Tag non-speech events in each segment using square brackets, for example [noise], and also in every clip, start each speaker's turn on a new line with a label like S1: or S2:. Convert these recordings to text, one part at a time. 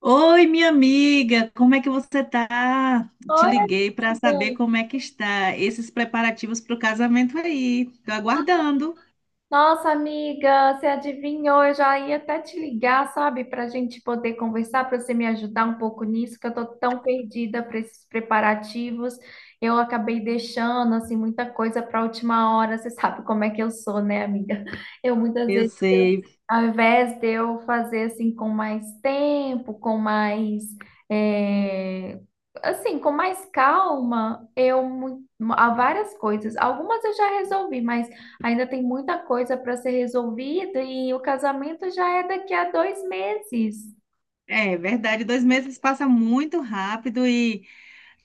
S1: Oi, minha amiga, como é que você tá? Te
S2: Oi,
S1: liguei para saber
S2: amiga.
S1: como é que está esses preparativos para o casamento aí. Tô aguardando.
S2: Nossa, amiga, você adivinhou? Eu já ia até te ligar, sabe, para a gente poder conversar, para você me ajudar um pouco nisso, que eu tô tão perdida para esses preparativos. Eu acabei deixando assim muita coisa para a última hora. Você sabe como é que eu sou, né, amiga? Eu muitas
S1: Eu
S2: vezes
S1: sei.
S2: Ao invés de eu fazer assim com mais tempo, com mais, é, assim, com mais calma. Há várias coisas. Algumas eu já resolvi, mas ainda tem muita coisa para ser resolvida e o casamento já é daqui a 2 meses.
S1: É verdade, 2 meses passa muito rápido e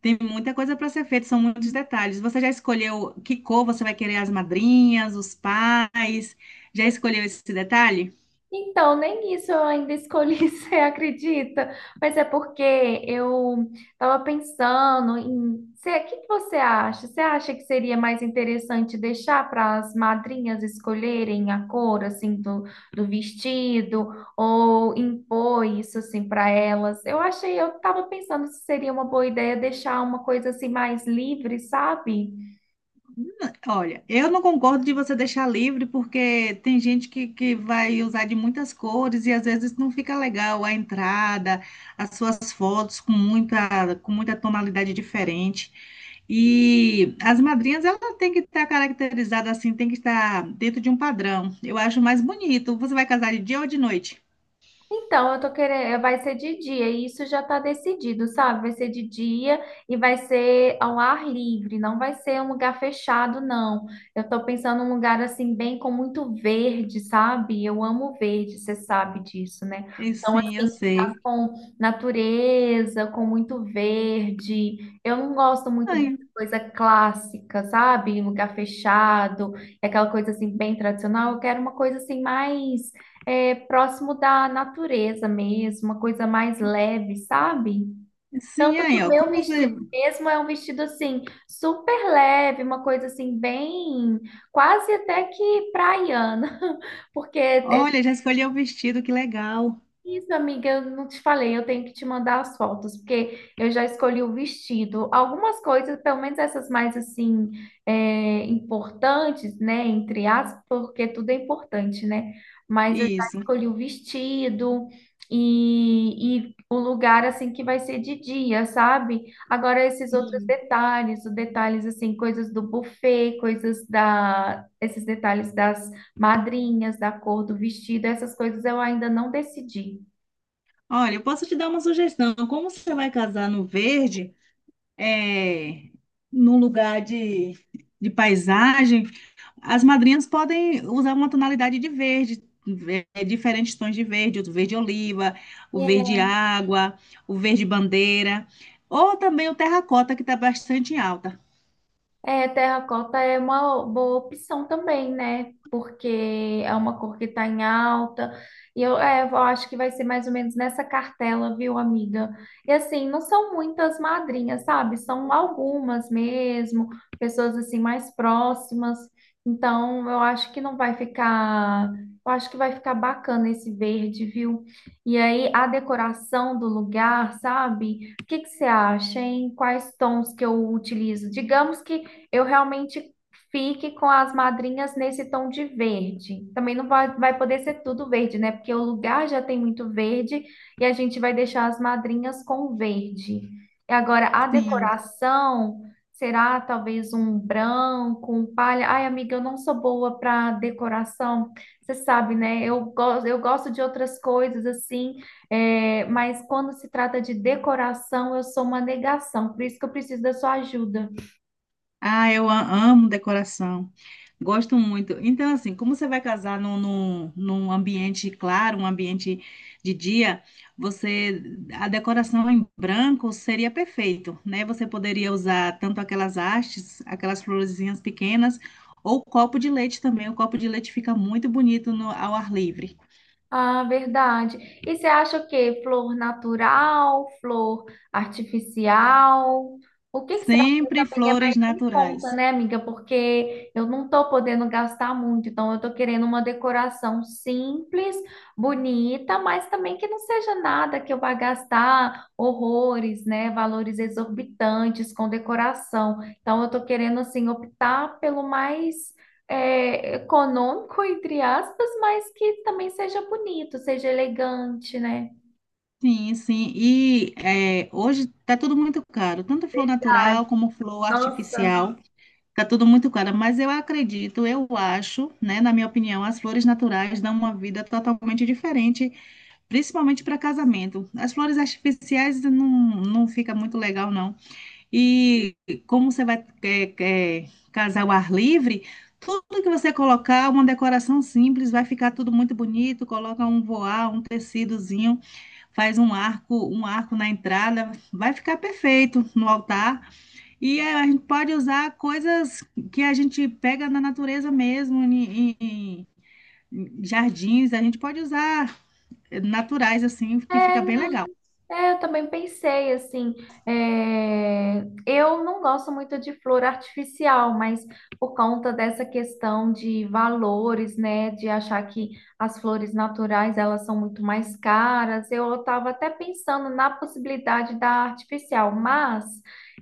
S1: tem muita coisa para ser feita, são muitos detalhes. Você já escolheu que cor você vai querer as madrinhas, os pais? Já escolheu esse detalhe?
S2: Então, nem isso eu ainda escolhi, [laughs] você acredita? Mas é porque eu estava pensando em. O que que você acha? Você acha que seria mais interessante deixar para as madrinhas escolherem a cor assim do vestido ou impor isso assim para elas? Eu estava pensando se seria uma boa ideia deixar uma coisa assim mais livre, sabe?
S1: Olha, eu não concordo de você deixar livre, porque tem gente que vai usar de muitas cores e às vezes não fica legal a entrada, as suas fotos com muita tonalidade diferente. E as madrinhas, ela tem que estar caracterizada assim, tem que estar dentro de um padrão. Eu acho mais bonito. Você vai casar de dia ou de noite?
S2: Então, eu tô querendo, vai ser de dia, e isso já tá decidido, sabe? Vai ser de dia e vai ser ao ar livre, não vai ser um lugar fechado, não. Eu tô pensando num lugar assim, bem com muito verde, sabe? Eu amo verde, você sabe disso, né?
S1: E
S2: Então,
S1: sim,
S2: assim,
S1: eu
S2: lugar
S1: sei.
S2: com natureza, com muito verde. Eu não gosto muito
S1: Ai,
S2: dessa coisa clássica, sabe? Lugar fechado, é aquela coisa assim, bem tradicional. Eu quero uma coisa assim, mais próximo da natureza mesmo, uma coisa mais leve, sabe?
S1: sim,
S2: Tanto que
S1: aí,
S2: o
S1: ó.
S2: meu
S1: Como você.
S2: vestido mesmo é um vestido assim, super leve, uma coisa assim, bem, quase até que praiana, [laughs] porque é
S1: Olha, já escolheu o vestido, que legal.
S2: isso, amiga, eu não te falei, eu tenho que te mandar as fotos, porque eu já escolhi o vestido. Algumas coisas, pelo menos essas mais assim, importantes, né? Entre aspas, porque tudo é importante, né? Mas eu já
S1: Isso.
S2: escolhi o vestido e o lugar assim que vai ser de dia, sabe? Agora esses outros
S1: Sim.
S2: detalhes, os detalhes assim, coisas do buffet, coisas esses detalhes das madrinhas, da cor do vestido, essas coisas eu ainda não decidi.
S1: Olha, eu posso te dar uma sugestão. Como você vai casar no verde, é, num lugar de paisagem, as madrinhas podem usar uma tonalidade de verde, diferentes tons de verde, o verde oliva, o verde água, o verde bandeira, ou também o terracota, que está bastante em alta.
S2: É, terracota é uma boa opção também, né? Porque é uma cor que tá em alta. E eu acho que vai ser mais ou menos nessa cartela, viu, amiga? E assim, não são muitas madrinhas, sabe? São algumas mesmo, pessoas assim mais próximas. Então, eu acho que não vai ficar. Eu acho que vai ficar bacana esse verde, viu? E aí, a decoração do lugar, sabe? O que que você acha, hein? Quais tons que eu utilizo? Digamos que eu realmente fique com as madrinhas nesse tom de verde. Também não vai poder ser tudo verde, né? Porque o lugar já tem muito verde e a gente vai deixar as madrinhas com verde. E agora a
S1: Sim.
S2: decoração será talvez um branco, um palha. Ai, amiga, eu não sou boa para decoração. Você sabe, né? Eu gosto de outras coisas assim, mas quando se trata de decoração, eu sou uma negação. Por isso que eu preciso da sua ajuda.
S1: Ah, eu amo decoração. Gosto muito. Então, assim, como você vai casar num ambiente claro, um ambiente de dia, você a decoração em branco seria perfeito, né? Você poderia usar tanto aquelas hastes, aquelas florezinhas pequenas, ou copo de leite também. O copo de leite fica muito bonito ao ar livre.
S2: Ah, verdade. E você acha o quê? Flor natural, flor artificial? O que que você acha
S1: Sempre
S2: também é
S1: flores
S2: mais em
S1: naturais.
S2: conta, né, amiga? Porque eu não tô podendo gastar muito, então eu tô querendo uma decoração simples, bonita, mas também que não seja nada que eu vá gastar horrores, né, valores exorbitantes com decoração. Então eu tô querendo assim optar pelo mais econômico, entre aspas, mas que também seja bonito, seja elegante, né?
S1: Sim, sim. E hoje está tudo muito caro, tanto flor
S2: Verdade.
S1: natural como flor
S2: Nossa.
S1: artificial. Fica tudo muito claro, mas eu acredito, eu acho, né, na minha opinião, as flores naturais dão uma vida totalmente diferente, principalmente para casamento. As flores artificiais não, não fica muito legal, não. E como você vai casar ao ar livre, tudo que você colocar, uma decoração simples, vai ficar tudo muito bonito, coloca um voar, um tecidozinho, faz um arco na entrada, vai ficar perfeito no altar. E a gente pode usar coisas que a gente pega na natureza mesmo, em jardins, a gente pode usar naturais assim, que
S2: É,
S1: fica
S2: né?
S1: bem legal.
S2: É, eu também pensei assim, eu não gosto muito de flor artificial, mas por conta dessa questão de valores, né, de achar que as flores naturais elas são muito mais caras, eu estava até pensando na possibilidade da artificial, mas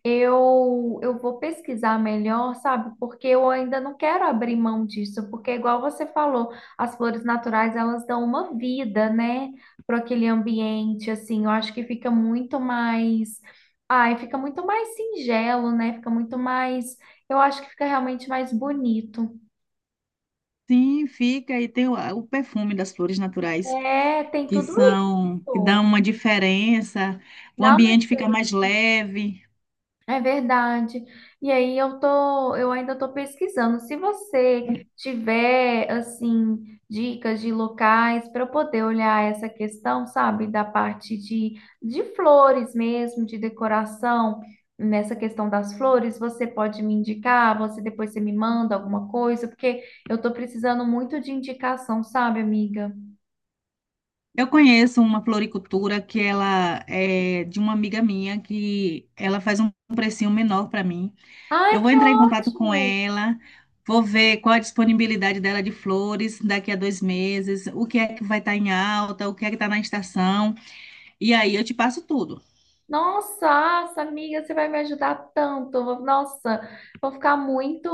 S2: eu vou pesquisar melhor, sabe? Porque eu ainda não quero abrir mão disso, porque igual você falou, as flores naturais elas dão uma vida, né? Para aquele ambiente, assim, eu acho que fica muito mais, ai, fica muito mais singelo, né? Fica muito mais, eu acho que fica realmente mais bonito.
S1: Sim, fica, e tem o perfume das flores naturais,
S2: É, tem
S1: que
S2: tudo
S1: são, que
S2: isso.
S1: dão uma diferença, o
S2: Dá uma
S1: ambiente fica mais leve.
S2: É verdade. E aí eu ainda tô pesquisando. Se você tiver assim dicas de locais para eu poder olhar essa questão, sabe, da parte de flores mesmo, de decoração, nessa questão das flores, você pode me indicar, você me manda alguma coisa, porque eu tô precisando muito de indicação, sabe, amiga?
S1: Eu conheço uma floricultura que ela é de uma amiga minha, que ela faz um precinho menor para mim.
S2: Ai,
S1: Eu vou
S2: que
S1: entrar em contato com
S2: ótimo!
S1: ela, vou ver qual a disponibilidade dela de flores daqui a 2 meses, o que é que vai estar em alta, o que é que está na estação, e aí eu te passo tudo.
S2: Nossa, nossa, amiga, você vai me ajudar tanto. Nossa, vou ficar muito,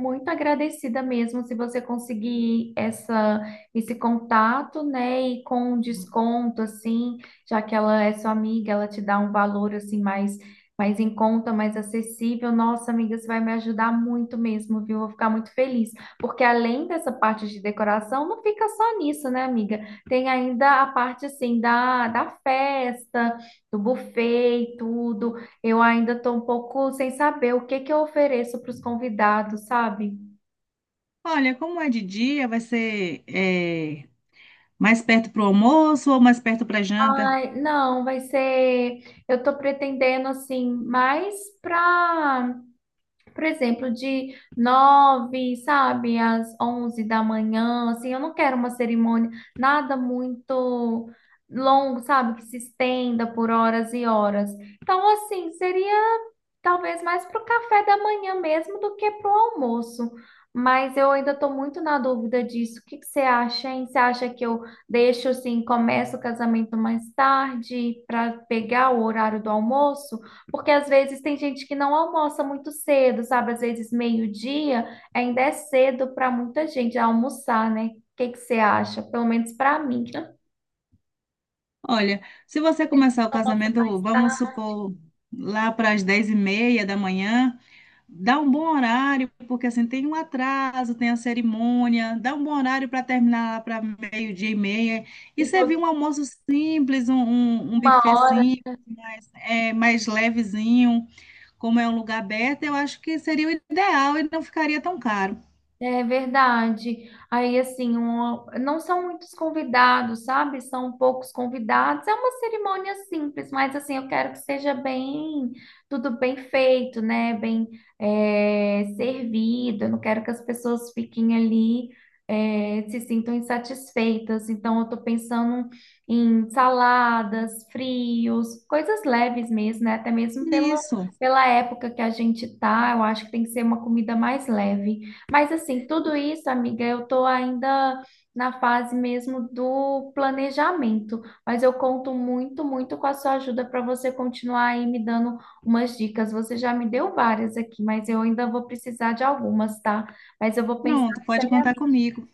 S2: muito agradecida mesmo se você conseguir esse contato, né? E com um desconto, assim, já que ela é sua amiga, ela te dá um valor, assim, mais, em conta, mais acessível. Nossa, amiga, você vai me ajudar muito mesmo, viu? Vou ficar muito feliz. Porque além dessa parte de decoração, não fica só nisso, né, amiga? Tem ainda a parte, assim, da festa do buffet e tudo. Eu ainda estou um pouco sem saber o que que eu ofereço para os convidados, sabe?
S1: Olha, como é de dia, vai ser mais perto para o almoço ou mais perto para a janta?
S2: Ai, não, vai ser. Eu estou pretendendo assim, mais para, por exemplo, de 9, sabe, às 11 da manhã. Assim, eu não quero uma cerimônia, nada muito longo, sabe, que se estenda por horas e horas. Então, assim, seria talvez mais para o café da manhã mesmo do que para o almoço. Mas eu ainda estou muito na dúvida disso. O que que você acha, hein? Você acha que eu deixo assim, começo o casamento mais tarde para pegar o horário do almoço? Porque às vezes tem gente que não almoça muito cedo, sabe? Às vezes meio-dia ainda é cedo para muita gente almoçar, né? O que que você acha? Pelo menos para mim. [laughs]
S1: Olha, se você
S2: Tem gente que
S1: começar o
S2: almoça mais
S1: casamento, vamos
S2: tarde,
S1: supor, lá para as 10:30 da manhã, dá um bom horário, porque assim tem um atraso, tem a cerimônia, dá um bom horário para terminar para meio-dia e meia. E
S2: tipo
S1: servir um almoço simples, um
S2: uma
S1: buffet
S2: hora.
S1: simples, mais, mais levezinho, como é um lugar aberto, eu acho que seria o ideal e não ficaria tão caro.
S2: É verdade. Aí, assim, não são muitos convidados, sabe? São poucos convidados. É uma cerimônia simples, mas, assim, eu quero que seja bem, tudo bem feito, né? Bem, servido. Eu não quero que as pessoas fiquem ali, se sintam insatisfeitas. Então, eu tô pensando em saladas, frios, coisas leves mesmo, né? Até mesmo pela,
S1: Isso.
S2: pela época que a gente tá, eu acho que tem que ser uma comida mais leve. Mas assim, tudo isso, amiga, eu tô ainda na fase mesmo do planejamento, mas eu conto muito, muito com a sua ajuda para você continuar aí me dando umas dicas. Você já me deu várias aqui, mas eu ainda vou precisar de algumas, tá? Mas eu vou pensar
S1: Pronto, pode contar
S2: seriamente.
S1: comigo.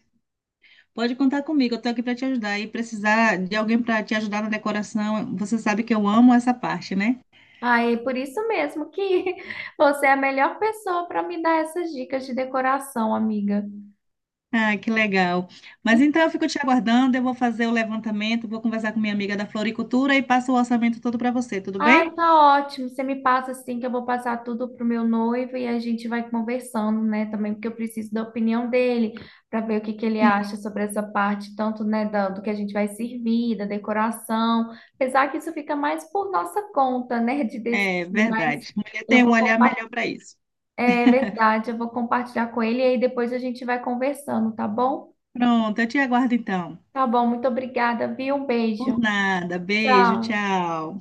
S1: Pode contar comigo, eu estou aqui para te ajudar. E precisar de alguém para te ajudar na decoração, você sabe que eu amo essa parte, né?
S2: Ah, é por isso mesmo que [laughs] você é a melhor pessoa para me dar essas dicas de decoração, amiga.
S1: Ah, que legal. Mas então eu fico te aguardando, eu vou fazer o levantamento, vou conversar com minha amiga da floricultura e passo o orçamento todo para você, tudo
S2: Ai,
S1: bem?
S2: tá ótimo. Você me passa assim que eu vou passar tudo pro meu noivo e a gente vai conversando, né? Também porque eu preciso da opinião dele para ver o que que ele
S1: Sim.
S2: acha sobre essa parte, tanto, né, do que a gente vai servir, da decoração. Apesar que isso fica mais por nossa conta, né, de
S1: É
S2: decidir, mas
S1: verdade. Mulher
S2: eu
S1: tem um
S2: vou
S1: olhar
S2: compartilhar.
S1: melhor para isso.
S2: É verdade, eu vou compartilhar com ele e aí depois a gente vai conversando, tá bom?
S1: Pronto, eu te aguardo então.
S2: Tá bom, muito obrigada, viu? Um
S1: Por
S2: beijo.
S1: nada. Beijo,
S2: Tchau.
S1: tchau.